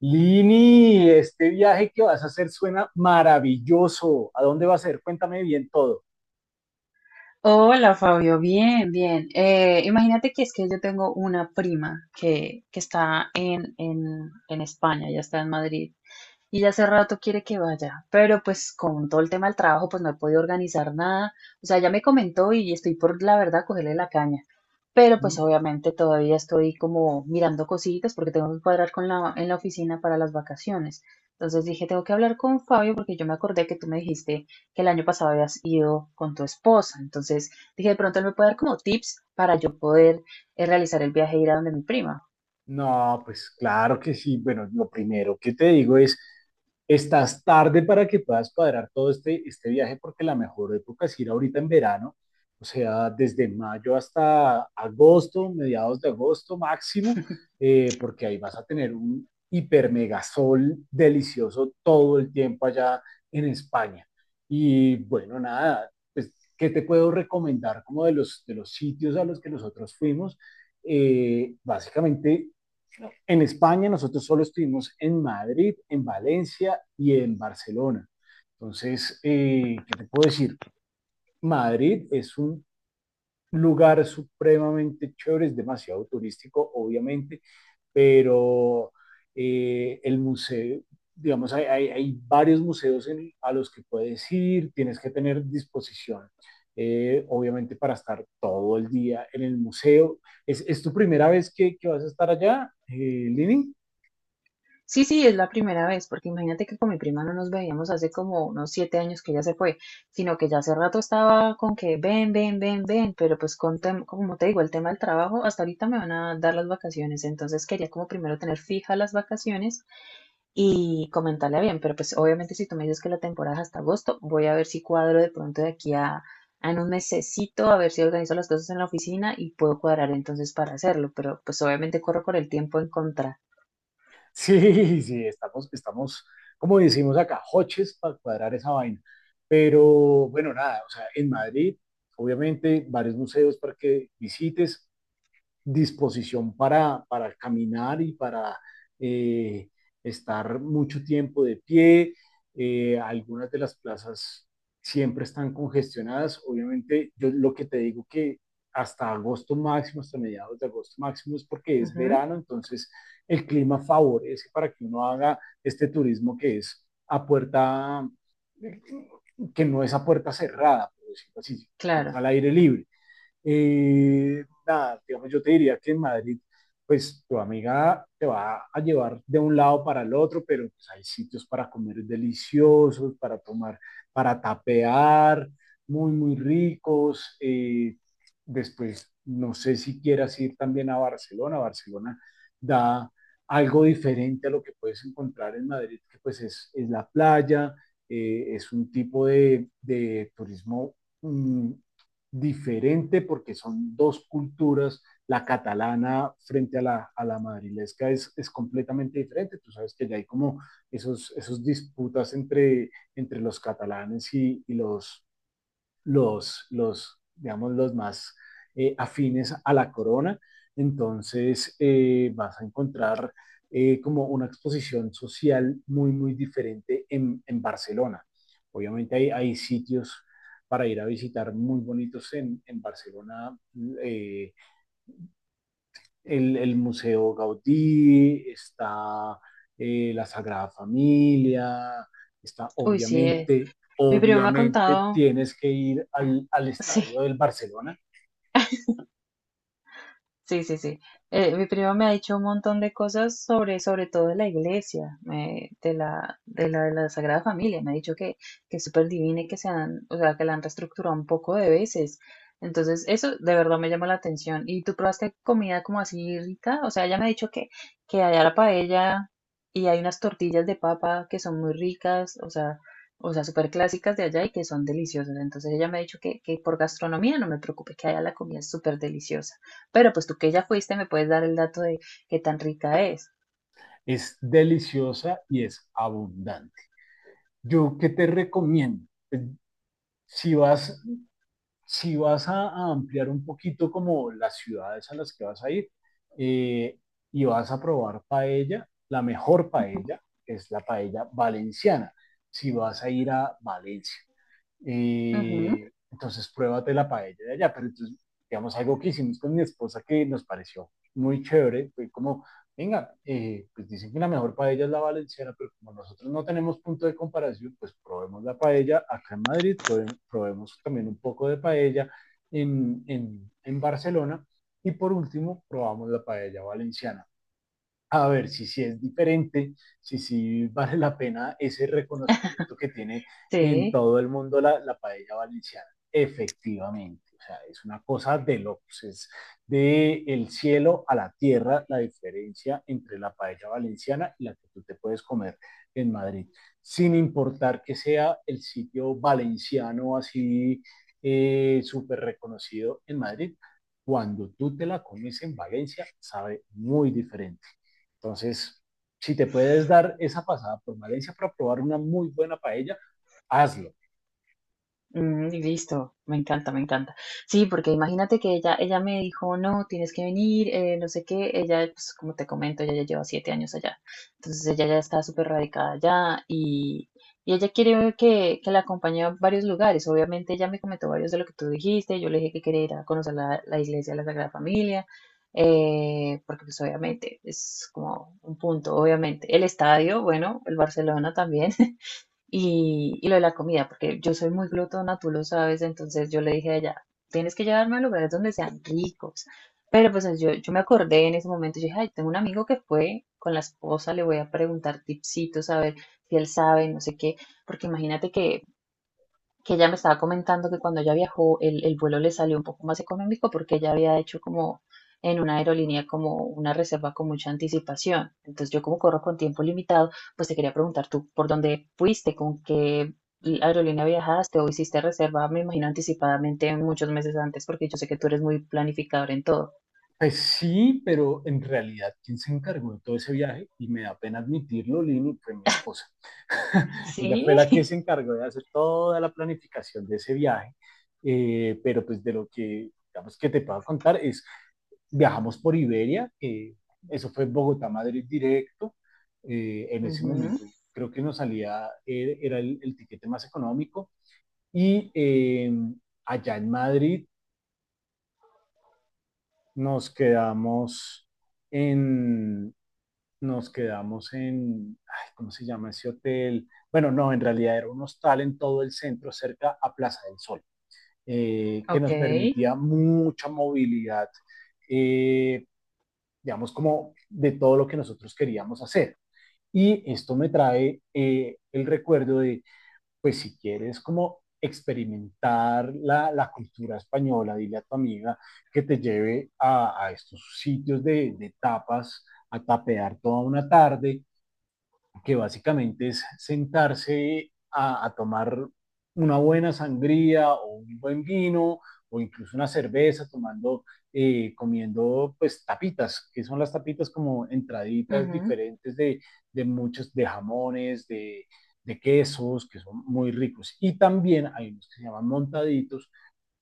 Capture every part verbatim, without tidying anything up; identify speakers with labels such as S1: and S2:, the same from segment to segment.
S1: Lini, este viaje que vas a hacer suena maravilloso. ¿A dónde va a ser? Cuéntame bien todo.
S2: Hola Fabio, bien, bien. Eh, imagínate que es que yo tengo una prima que, que está en, en, en España, ya está en Madrid, y ya hace rato quiere que vaya, pero pues con todo el tema del trabajo pues no he podido organizar nada. O sea, ya me comentó y estoy por la verdad cogerle la caña, pero pues obviamente todavía estoy como mirando cositas porque tengo que cuadrar con la, en la oficina para las vacaciones. Entonces dije, tengo que hablar con Fabio porque yo me acordé que tú me dijiste que el año pasado habías ido con tu esposa. Entonces dije, de pronto él me puede dar como tips para yo poder eh, realizar el viaje e ir a donde mi prima.
S1: No, pues claro que sí. Bueno, lo primero que te digo es, estás tarde para que puedas cuadrar todo este, este viaje porque la mejor época es ir ahorita en verano, o sea, desde mayo hasta agosto, mediados de agosto máximo, eh, porque ahí vas a tener un hiper mega sol delicioso todo el tiempo allá en España. Y bueno, nada, pues, ¿qué te puedo recomendar como de los, de los sitios a los que nosotros fuimos? Eh, básicamente en España nosotros solo estuvimos en Madrid, en Valencia y en Barcelona. Entonces, eh, ¿qué te puedo decir? Madrid es un lugar supremamente chévere, es demasiado turístico, obviamente, pero eh, el museo, digamos, hay, hay, hay varios museos en- a los que puedes ir, tienes que tener disposición, eh, obviamente, para estar todo el día en el museo. ¿Es, es tu primera vez que, que vas a estar allá, eh, Lini?
S2: Sí, sí, es la primera vez, porque imagínate que con mi prima no nos veíamos hace como unos siete años que ella se fue, sino que ya hace rato estaba con que ven, ven, ven, ven, pero pues con tem- como te digo, el tema del trabajo, hasta ahorita me van a dar las vacaciones, entonces quería como primero tener fijas las vacaciones y comentarle bien, pero pues obviamente si tú me dices que la temporada es hasta agosto, voy a ver si cuadro de pronto de aquí a, a en un mesecito, a ver si organizo las cosas en la oficina y puedo cuadrar entonces para hacerlo, pero pues obviamente corro con el tiempo en contra.
S1: Sí, sí, estamos, estamos, como decimos acá, hoches para cuadrar esa vaina. Pero bueno, nada, o sea, en Madrid, obviamente, varios museos para que visites disposición para, para caminar y para eh, estar mucho tiempo de pie. Eh, algunas de las plazas siempre están congestionadas. Obviamente, yo lo que te digo que hasta agosto máximo, hasta mediados de agosto máximo, es porque es
S2: Ujú,
S1: verano, entonces el clima favorece para que uno haga este turismo que es a puerta, que no es a puerta cerrada, por decirlo así, que es
S2: claro.
S1: al aire libre. Eh, nada, digamos, yo te diría que en Madrid, pues tu amiga te va a llevar de un lado para el otro, pero pues, hay sitios para comer deliciosos, para tomar, para tapear, muy, muy ricos. Eh, después, no sé si quieras ir también a Barcelona. Barcelona da algo diferente a lo que puedes encontrar en Madrid, que pues es, es la playa, eh, es un tipo de, de turismo mm, diferente porque son dos culturas. La catalana frente a la, a la madrilesca es, es completamente diferente. Tú sabes que ya hay como esos, esos disputas entre, entre los catalanes y, y los los, los, digamos, los más eh, afines a la corona. Entonces eh, vas a encontrar eh, como una exposición social muy, muy diferente en, en Barcelona. Obviamente hay, hay, sitios para ir a visitar muy bonitos en, en Barcelona, eh, el, el Museo Gaudí, está eh, la Sagrada Familia, está
S2: Uy, sí, eh,
S1: obviamente,
S2: mi primo me ha
S1: obviamente
S2: contado,
S1: tienes que ir al, al
S2: sí,
S1: estadio del Barcelona.
S2: sí, sí, sí. Eh, mi primo me ha dicho un montón de cosas sobre, sobre todo de la iglesia, me- de la, de la, de la Sagrada Familia. Me ha dicho que, que es súper divina y que se han, o sea, que la han reestructurado un poco de veces. Entonces, eso de verdad me llamó la atención. ¿Y tú probaste comida como así rica? O sea, ella me ha dicho que, que allá la paella y hay unas tortillas de papa que son muy ricas, o sea, o sea, súper clásicas de allá y que son deliciosas. Entonces, ella me ha dicho que, que por gastronomía no me preocupe, que allá la comida es súper deliciosa. Pero pues tú que ya fuiste me puedes dar el dato de qué tan rica es.
S1: Es deliciosa y es abundante. ¿Yo qué te recomiendo? Si vas, si vas a, a ampliar un poquito como las ciudades a las que vas a ir, eh, y vas a probar paella, la mejor paella es la paella valenciana, si vas a ir a Valencia
S2: Ujú,
S1: y entonces pruébate la paella de allá. Pero entonces, digamos, algo que hicimos con mi esposa que nos pareció muy chévere, fue como, venga, eh, pues dicen que la mejor paella es la valenciana, pero como nosotros no tenemos punto de comparación, pues probemos la paella acá en Madrid, probemos, probemos también un poco de paella en, en, en Barcelona, y por último probamos la paella valenciana a ver si sí es diferente, si sí vale la pena ese reconocimiento que tiene en
S2: sí.
S1: todo el mundo la, la paella valenciana. Efectivamente, o sea, es una cosa de locos, es de el cielo a la tierra la diferencia entre la paella valenciana y la que tú te puedes comer en Madrid, sin importar que sea el sitio valenciano así eh, súper reconocido en Madrid. Cuando tú te la comes en Valencia, sabe muy diferente. Entonces, si te puedes dar esa pasada por Valencia para probar una muy buena paella, hazlo.
S2: Mm, listo, me encanta, me encanta. Sí, porque imagínate que ella, ella me dijo, no, tienes que venir, eh, no sé qué. Ella, pues como te comento, ella ya lleva siete años allá. Entonces ella ya está súper radicada allá y, y ella quiere que, que la acompañe a varios lugares. Obviamente ella me comentó varios de lo que tú dijiste. Yo le dije que quería ir a conocer la, la iglesia de la Sagrada Familia, eh, porque pues obviamente es como un punto, obviamente. El estadio, bueno, el Barcelona también. Y, y lo de la comida, porque yo soy muy glotona, tú lo sabes, entonces yo le dije a ella, tienes que llevarme a lugares donde sean ricos. Pero pues yo, yo me acordé en ese momento, yo dije, ay, tengo un amigo que fue con la esposa, le voy a preguntar tipsitos, a ver si él sabe, no sé qué, porque imagínate que que ella me estaba comentando que cuando ella viajó el, el vuelo le salió un poco más económico porque ella había hecho como en una aerolínea como una reserva con mucha anticipación. Entonces yo como corro con tiempo limitado, pues te quería preguntar tú, ¿por dónde fuiste? ¿Con qué aerolínea viajaste o hiciste reserva? Me imagino anticipadamente muchos meses antes porque yo sé que tú eres muy planificador en todo.
S1: Pues sí, pero en realidad, ¿quién se encargó de todo ese viaje? Y me da pena admitirlo, Lini, fue mi esposa. Ella
S2: Sí.
S1: fue la que se encargó de hacer toda la planificación de ese viaje, eh, pero pues de lo que, digamos, que te puedo contar es, viajamos por Iberia, eh, eso fue Bogotá-Madrid directo, eh, en ese
S2: Ujú,
S1: momento creo que nos salía, eh, era el, el tiquete más económico. Y eh, allá en Madrid nos quedamos en, nos quedamos en, ay, ¿cómo se llama ese hotel? Bueno, no, en realidad era un hostal en todo el centro, cerca a Plaza del Sol, eh, que
S2: ok,
S1: nos permitía mucha movilidad, eh, digamos, como de todo lo que nosotros queríamos hacer. Y esto me trae eh, el recuerdo de pues si quieres como experimentar la, la cultura española, dile a tu amiga que te lleve a, a estos sitios de, de tapas, a tapear toda una tarde que básicamente es sentarse a, a tomar una buena sangría o un buen vino o incluso una cerveza tomando, eh, comiendo pues tapitas, que son las tapitas como entraditas
S2: ujú.
S1: diferentes de, de muchos, de jamones, de, de quesos, que son muy ricos. Y también hay unos que se llaman montaditos,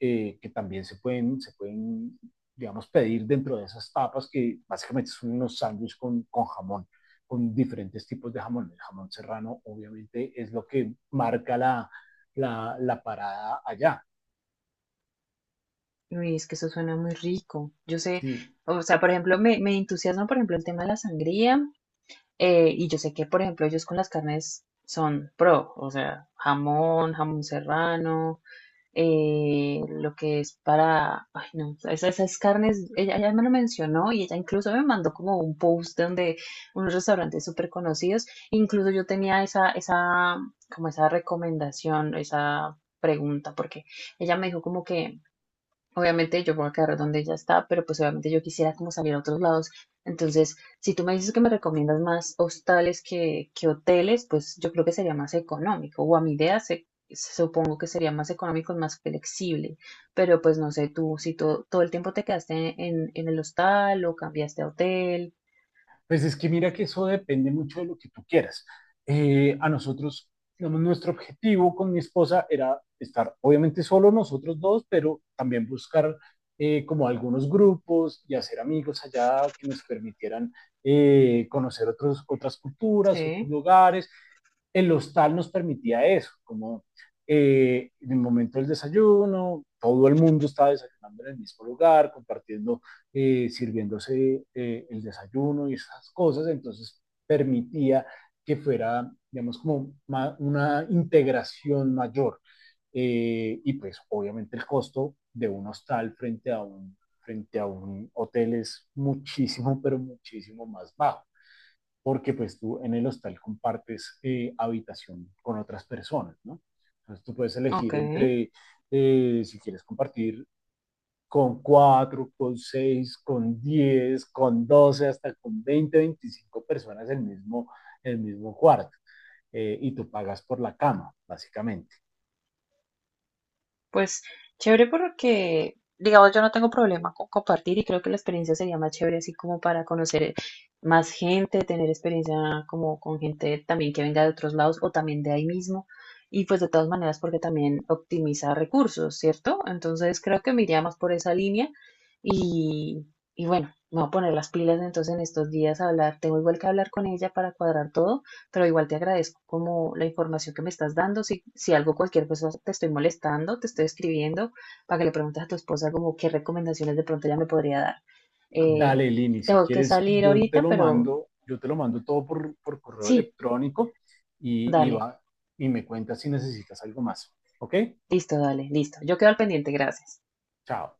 S1: eh, que también se pueden, se pueden, digamos, pedir dentro de esas tapas que básicamente son unos sándwiches con, con jamón, con diferentes tipos de jamón. El jamón serrano obviamente es lo que marca la, la, la parada allá.
S2: Uy, es que eso suena muy rico. Yo sé,
S1: Sí,
S2: o sea, por ejemplo, me, me entusiasma, por ejemplo, el tema de la sangría. Eh, y yo sé que, por ejemplo, ellos con las carnes son pro, o sea, jamón, jamón serrano, eh, lo que es para, ay no, esas, esas carnes, ella, ella me lo mencionó y ella incluso me mandó como un post donde unos restaurantes súper conocidos, incluso yo tenía esa, esa, como esa recomendación, esa pregunta, porque ella me dijo como que obviamente yo voy a quedar donde ya está, pero pues obviamente yo quisiera como salir a otros lados. Entonces, si tú me dices que me recomiendas más hostales que, que hoteles, pues yo creo que sería más económico. O a mi idea se, se- supongo que sería más económico y más flexible. Pero pues no sé tú, si to- todo el tiempo te quedaste en, en el hostal o cambiaste a hotel.
S1: pues es que mira que eso depende mucho de lo que tú quieras. Eh, a nosotros, digamos, nuestro objetivo con mi esposa era estar, obviamente, solo nosotros dos, pero también buscar eh, como algunos grupos y hacer amigos allá que nos permitieran eh, conocer otros, otras culturas, otros
S2: Sí,
S1: lugares. El hostal nos permitía eso, como eh, en el momento del desayuno, todo el mundo estaba desayunando en el mismo lugar, compartiendo, eh, sirviéndose eh, el desayuno y esas cosas, entonces permitía que fuera, digamos, como una integración mayor. Eh, y pues obviamente el costo de un hostal frente a un, frente a un hotel es muchísimo, pero muchísimo más bajo porque pues tú en el hostal compartes eh, habitación con otras personas, ¿no? Entonces tú puedes
S2: ok.
S1: elegir entre, eh, si quieres compartir con cuatro, con seis, con diez, con doce, hasta con veinte, veinticinco personas el mismo, el mismo cuarto. Eh, y tú pagas por la cama, básicamente.
S2: Pues chévere porque, digamos, yo no tengo problema con compartir y creo que la experiencia sería más chévere así como para conocer más gente, tener experiencia como con gente también que venga de otros lados o también de ahí mismo. Y pues de todas maneras porque también optimiza recursos, ¿cierto? Entonces creo que me iría más por esa línea y, y bueno, me voy a poner las pilas entonces en estos días a hablar. Tengo igual que hablar con ella para cuadrar todo. Pero igual te agradezco como la información que me estás dando. Si, si algo, cualquier cosa, te estoy molestando, te estoy escribiendo para que le preguntes a tu esposa como qué recomendaciones de pronto ella me podría dar. Eh,
S1: Dale, Lini, si
S2: Tengo que
S1: quieres,
S2: salir
S1: yo te
S2: ahorita,
S1: lo
S2: pero
S1: mando, yo te lo mando todo por, por correo
S2: sí,
S1: electrónico y, y,
S2: dale,
S1: va, y me cuentas si necesitas algo más. ¿Ok?
S2: listo, dale, listo. Yo quedo al pendiente, gracias.
S1: Chao.